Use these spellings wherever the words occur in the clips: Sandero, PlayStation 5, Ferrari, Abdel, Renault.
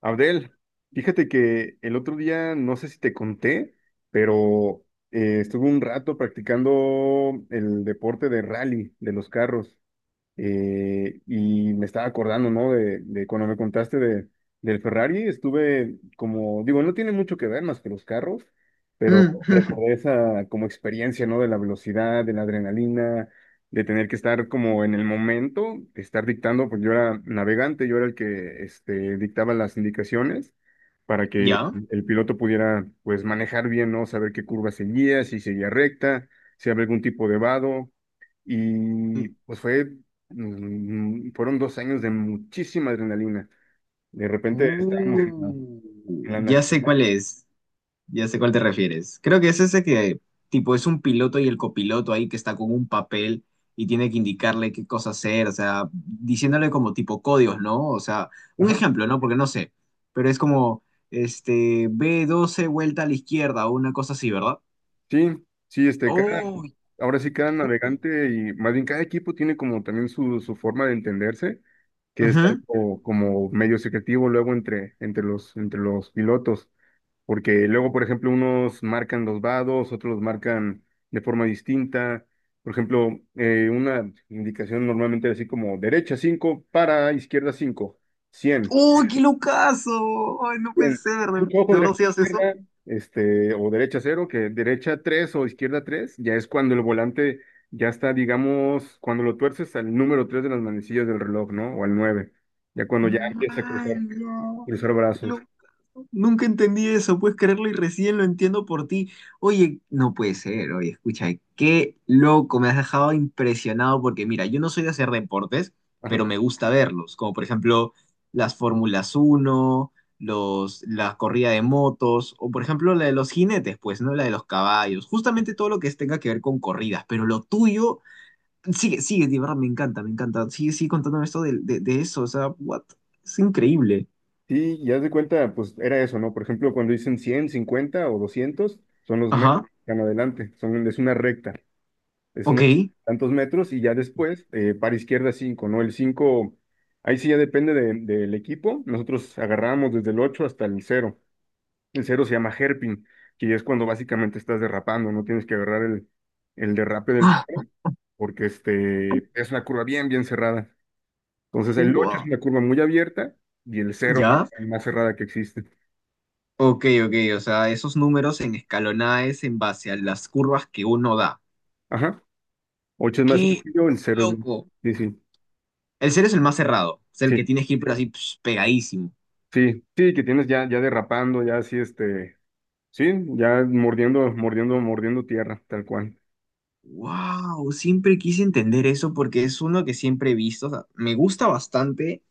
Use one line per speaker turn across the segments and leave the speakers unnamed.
Abdel, fíjate que el otro día, no sé si te conté, pero estuve un rato practicando el deporte de rally de los carros. Y me estaba acordando, ¿no? De cuando me contaste del Ferrari, estuve como, digo, no tiene mucho que ver más que los carros, pero
Mm.
recordé esa como experiencia, ¿no? De la velocidad, de la adrenalina, de tener que estar como en el momento, estar dictando, pues yo era navegante, yo era el que este, dictaba las indicaciones para que
¿Ya?
el piloto pudiera, pues, manejar bien, ¿no? Saber qué curva seguía, si seguía recta, si había algún tipo de vado y
Mm,
pues fue, fueron dos años de muchísima adrenalina. De repente estábamos
uh,
en la
ya sé
nacional.
cuál es, ya sé cuál te refieres. Creo que es ese que, tipo, es un piloto y el copiloto ahí que está con un papel y tiene que indicarle qué cosa hacer, o sea, diciéndole como tipo códigos, ¿no? O sea, un
Ajá.
ejemplo, ¿no? Porque no sé, pero es como, este, B12 vuelta a la izquierda o una cosa así, ¿verdad?
Sí, sí, este, cada,
¡Oh!
ahora sí cada navegante y más bien cada equipo tiene como también su forma de entenderse, que es
Ujú.
algo como medio secretivo luego entre los pilotos. Porque luego, por ejemplo, unos marcan los vados, otros los marcan de forma distinta. Por ejemplo, una indicación normalmente así como derecha 5 para izquierda 5 100
¡Oh, qué locazo! ¡Ay, no puede
100.
ser! ¿De,
Mucho ojo
de verdad
derecha,
si haces eso?
izquierda, este, o derecha cero que derecha 3 o izquierda 3 ya es cuando el volante ya está, digamos, cuando lo tuerces al número 3 de las manecillas del reloj, ¿no? O al 9 ya cuando ya empieza a
¡Ay,
cruzar,
no!
cruzar brazos.
Nunca entendí eso, puedes creerlo y recién lo entiendo por ti. Oye, no puede ser, oye, escucha, qué loco, me has dejado impresionado porque mira, yo no soy de hacer deportes,
Ajá.
pero me gusta verlos, como por ejemplo las Fórmulas 1 los, la corrida de motos, o por ejemplo la de los jinetes, pues, ¿no? La de los caballos, justamente todo lo que tenga que ver con corridas, pero lo tuyo, sigue, sigue, de verdad, me encanta, sigue, sigue contándome esto de eso, o sea, what, es increíble.
Sí, ya de cuenta, pues era eso, ¿no? Por ejemplo, cuando dicen 100 50 o 200 son los metros,
Ajá,
están adelante, son, es una recta, es
ok.
una tantos metros y ya después, para izquierda cinco, ¿no? El 5 ahí sí ya depende de- del equipo, nosotros agarramos desde el 8 hasta el cero, el cero se llama hairpin, que ya es cuando básicamente estás derrapando, no tienes que agarrar el derrape del
Ah.
carro, porque este, es una curva bien, bien cerrada. Entonces el 8 es
Ua.
una curva muy abierta y el cero es
¿Ya?
la más cerrada que existe.
Ok, ok, o sea, esos números en escalonada es en base a las curvas que uno da.
Ajá. Ocho es más
¡Qué
sencillo, el cero es más...
loco!
Sí, sí,
El cero es el más cerrado, es el
sí,
que tienes que ir pero así ps, pegadísimo.
sí, sí, que tienes ya, ya derrapando, ya así, este, sí, ya mordiendo, mordiendo, mordiendo tierra, tal cual.
¡Wow! Siempre quise entender eso porque es uno que siempre he visto, o sea, me gusta bastante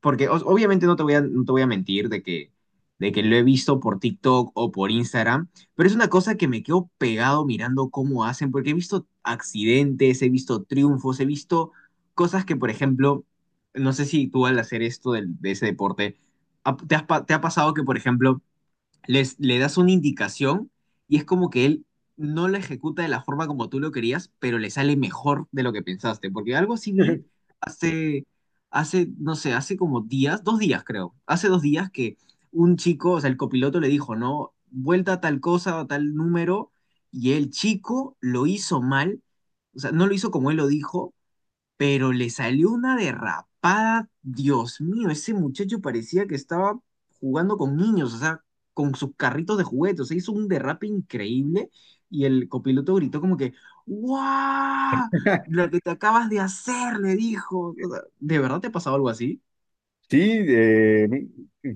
porque obviamente no te voy a mentir de que, lo he visto por TikTok o por Instagram, pero es una cosa que me quedo pegado mirando cómo hacen, porque he visto accidentes, he visto triunfos, he visto cosas que, por ejemplo, no sé si tú al hacer esto de ese deporte, ¿te has te ha pasado que, por ejemplo, le das una indicación y es como que él no la ejecuta de la forma como tú lo querías, pero le sale mejor de lo que pensaste. Porque algo así vi hace, hace, no sé, hace como días, 2 días creo, hace 2 días que un chico, o sea, el copiloto le dijo, no, vuelta a tal cosa, a tal número, y el chico lo hizo mal, o sea, no lo hizo como él lo dijo, pero le salió una derrapada. Dios mío, ese muchacho parecía que estaba jugando con niños, o sea, con sus carritos de juguetes. O sea, hizo un derrape increíble y el copiloto gritó como que, ¡guau! La que te acabas de hacer, le dijo. O sea, ¿de verdad te ha pasado algo así?
Sí, eh,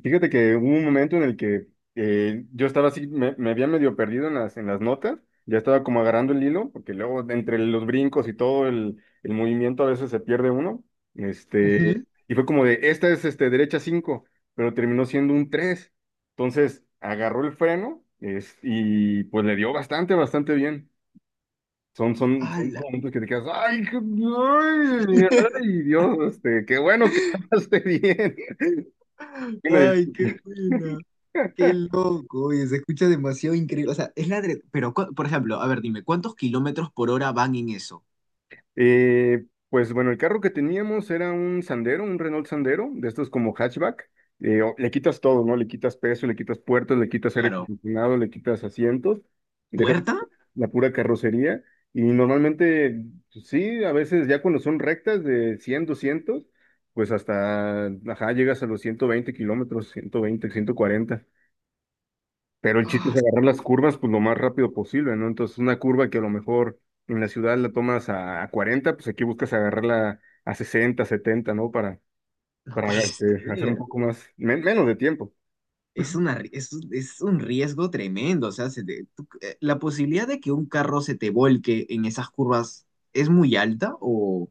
fíjate que hubo un momento en el que yo estaba así, me había medio perdido en las notas, ya estaba como agarrando el hilo, porque luego entre los brincos y todo el movimiento a veces se pierde uno, este,
Ujú.
y fue como de, esta es este, derecha 5, pero terminó siendo un 3, entonces agarró el freno es- y pues le dio bastante, bastante bien. Son, son, son
¡Hala!
momentos que te quedas, ay, qué- ay, ay, Dios, este, qué bueno que cantaste bien. Una
¡Ay, qué
disculpa.
buena! Qué loco, oye, se escucha demasiado increíble. O sea, es pero, por ejemplo, a ver, dime, ¿cuántos kilómetros por hora van en eso?
Pues bueno, el carro que teníamos era un Sandero, un Renault Sandero, de estos como hatchback. O- le quitas todo, ¿no? Le quitas peso, le quitas puertas, le quitas aire
Claro.
acondicionado, le quitas asientos, dejas
¿Puerta?
la pura carrocería. Y normalmente, pues, sí, a veces ya cuando son rectas de 100, 200, pues hasta, ajá, llegas a los 120 kilómetros, 120, 140. Pero el chiste
Ah,
es agarrar las curvas pues lo más rápido posible, ¿no? Entonces una curva que a lo mejor en la ciudad la tomas a 40, pues aquí buscas agarrarla a 60, 70, ¿no?
no
Para
puede
hacer un
ser.
poco más, men- menos de tiempo.
Es una, ri- es un riesgo tremendo. O sea, la posibilidad de que un carro se te volque en esas curvas es muy alta o...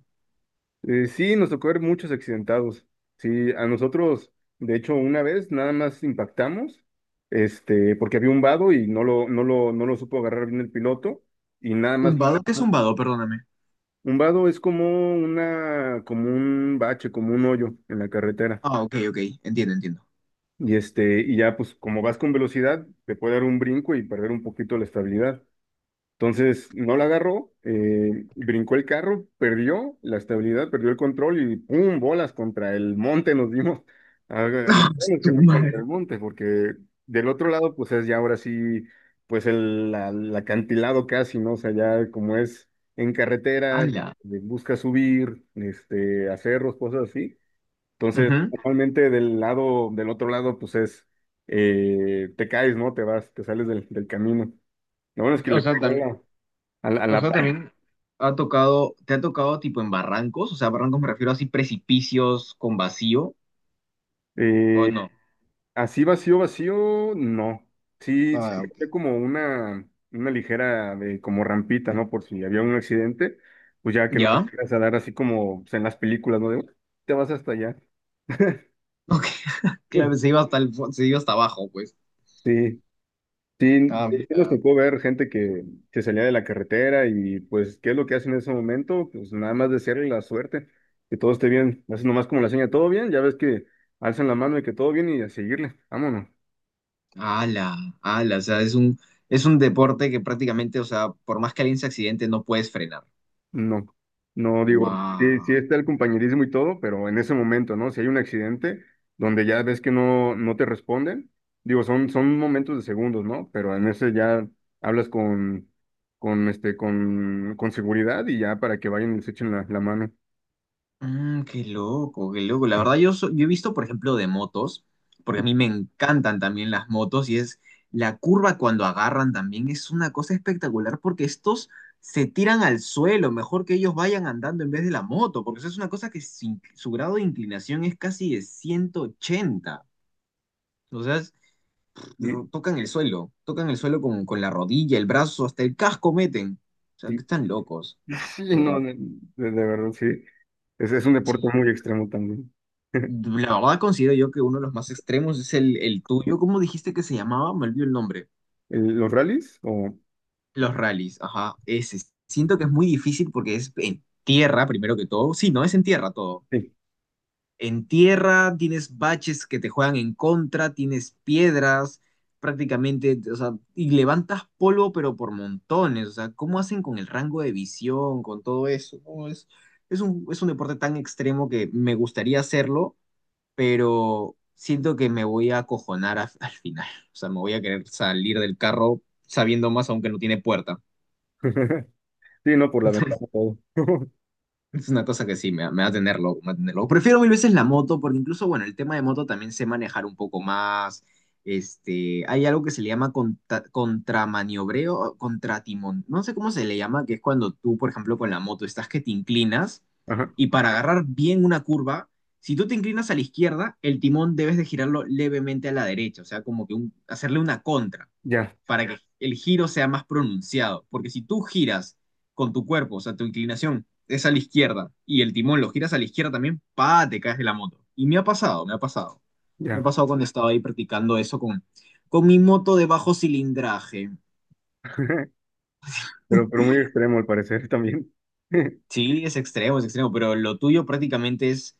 Sí, nos tocó ver muchos accidentados. Sí, a nosotros, de hecho, una vez nada más impactamos, este, porque había un vado y no lo supo agarrar bien el piloto y nada más.
Un vado, ¿qué es un vado? Perdóname.
Un vado es como una, como un bache, como un hoyo en la carretera.
Ah, ok, ok. Entiendo, entiendo.
Y este, y ya pues como vas con velocidad, te puede dar un brinco y perder un poquito la estabilidad. Entonces, no la agarró, brincó el carro, perdió la estabilidad, perdió el control y ¡pum! Bolas contra el monte nos dimos. Ah, lo
Ah,
bueno que
su
fue contra el
madre.
monte, porque del otro lado, pues es ya ahora sí, pues el, la- el acantilado casi, ¿no? O sea, ya como es en carretera,
¡Hala!
busca subir, este, a cerros, cosas así, entonces,
Ujú.
normalmente del lado, del otro lado, pues es, te caes, ¿no? Te vas, te sales del, del camino. Lo bueno es que
O
le
sea,
pegó
tam- o sea,
pared.
también ha tocado, ¿te ha tocado tipo en barrancos? O sea, barrancos me refiero a así precipicios con vacío, ¿o
Eh,
no?
Así vacío, vacío, no. Sí, sí,
Ah, ok.
había como una ligera, de, como rampita, ¿no? Por si había un accidente, pues ya que no
¿Ya?
vas a dar así como pues, en las películas, ¿no? De, "Uy, te vas hasta allá."
Ok, claro, se iba hasta se iba hasta abajo, pues.
Sí. Sí,
Ah.
sí nos tocó ver gente que salía de la carretera y pues, ¿qué es lo que hacen en ese momento? Pues nada más desearle la suerte, que todo esté bien. Hacen nomás como la seña, todo bien, ya ves que alzan la mano y que todo bien y a seguirle, vámonos.
Ala, ala, o sea, es un deporte que prácticamente, o sea, por más que alguien se accidente, no puedes frenar.
No, no digo, sí, sí
Wow.
está el compañerismo y todo, pero en ese momento, ¿no? Si hay un accidente donde ya ves que no, no te responden, digo, son, son momentos de segundos, ¿no? Pero en ese ya hablas con, este, con seguridad y ya para que vayan y se echen la la mano.
Mm, qué loco, qué loco. La verdad, yo he visto, por ejemplo, de motos, porque a mí me encantan también las motos, y es la curva cuando agarran también es una cosa espectacular, porque estos se tiran al suelo, mejor que ellos vayan andando en vez de la moto, porque eso es una cosa que su grado de inclinación es casi de 180. O sea,
Y-
tocan el suelo con la rodilla, el brazo, hasta el casco meten. O sea,
y-
que están locos,
y sí,
de
no,
verdad.
de verdad, sí. Es un
Sí.
deporte muy extremo también.
La verdad considero yo que uno de los más extremos es el tuyo. ¿Cómo dijiste que se llamaba? Me olvidé el nombre.
El- ¿Los rallies? O...
Los rallies, ajá, ese. Siento que es muy difícil porque es en tierra, primero que todo. Sí, no, es en tierra todo,
Sí.
en tierra, tienes baches que te juegan en contra, tienes piedras, prácticamente, o sea, y levantas polvo, pero por montones. O sea, ¿cómo hacen con el rango de visión, con todo eso? No, es un deporte tan extremo que me gustaría hacerlo, pero siento que me voy a acojonar al final. O sea, me voy a querer salir del carro sabiendo más, aunque no tiene puerta.
Sí, no, por la ventana todo.
Es una cosa que sí, me va a tener loco, me va a tener loco. Prefiero mil veces la moto, porque incluso, bueno, el tema de moto también sé manejar un poco más. Este, hay algo que se le llama contramaniobreo, o contratimón. No sé cómo se le llama, que es cuando tú, por ejemplo, con la moto estás que te inclinas
Ajá,
y para agarrar bien una curva, si tú te inclinas a la izquierda, el timón debes de girarlo levemente a la derecha, o sea, como que un- hacerle una contra
ya,
para que el giro sea más pronunciado. Porque si tú giras con tu cuerpo, o sea, tu inclinación es a la izquierda y el timón lo giras a la izquierda también, pa, te caes de la moto. Y me ha pasado, me ha pasado. Me ha
ya.
pasado cuando estaba ahí practicando eso con mi moto de bajo cilindraje.
Pero muy extremo al parecer también.
Sí, es extremo, pero lo tuyo prácticamente es,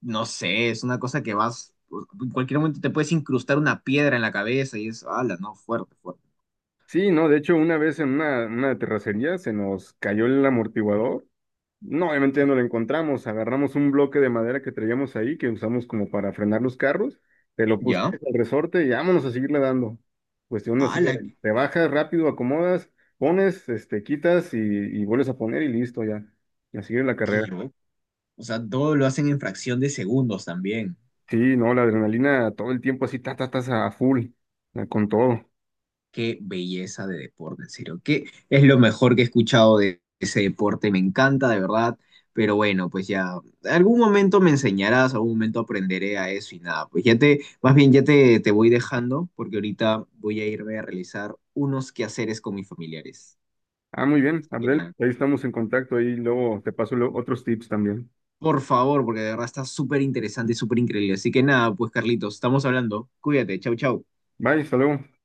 no sé, es una cosa que vas, en cualquier momento te puedes incrustar una piedra en la cabeza y es, ala, no, fuerte, fuerte.
Sí, no, de hecho, una vez en una terracería se nos cayó el amortiguador. No, obviamente ya no lo encontramos. Agarramos un bloque de madera que traíamos ahí, que usamos como para frenar los carros, te lo
¿Ya?
pusimos al resorte y vámonos a seguirle dando. Cuestión así de,
Ala, qué,
te bajas rápido, acomodas, pones, este, quitas y vuelves a poner y listo ya. Y a seguir la
qué
carrera.
loco. O sea, todo lo hacen en fracción de segundos también.
Sí, no, la adrenalina todo el tiempo así, ta, ta, tas a full, con todo.
Qué belleza de deporte, en serio. Qué es lo mejor que he escuchado de ese deporte. Me encanta, de verdad. Pero bueno, pues ya, algún momento me enseñarás, algún momento aprenderé a eso y nada, pues ya te, más bien ya te voy dejando porque ahorita voy a irme a realizar unos quehaceres con mis familiares.
Ah, muy bien,
Así que
Abdel,
nada,
ahí estamos en contacto, ahí luego te paso lo- otros tips también.
por favor, porque de verdad está súper interesante, súper increíble. Así que nada, pues Carlitos, estamos hablando. Cuídate, chau, chau.
Bye, hasta luego.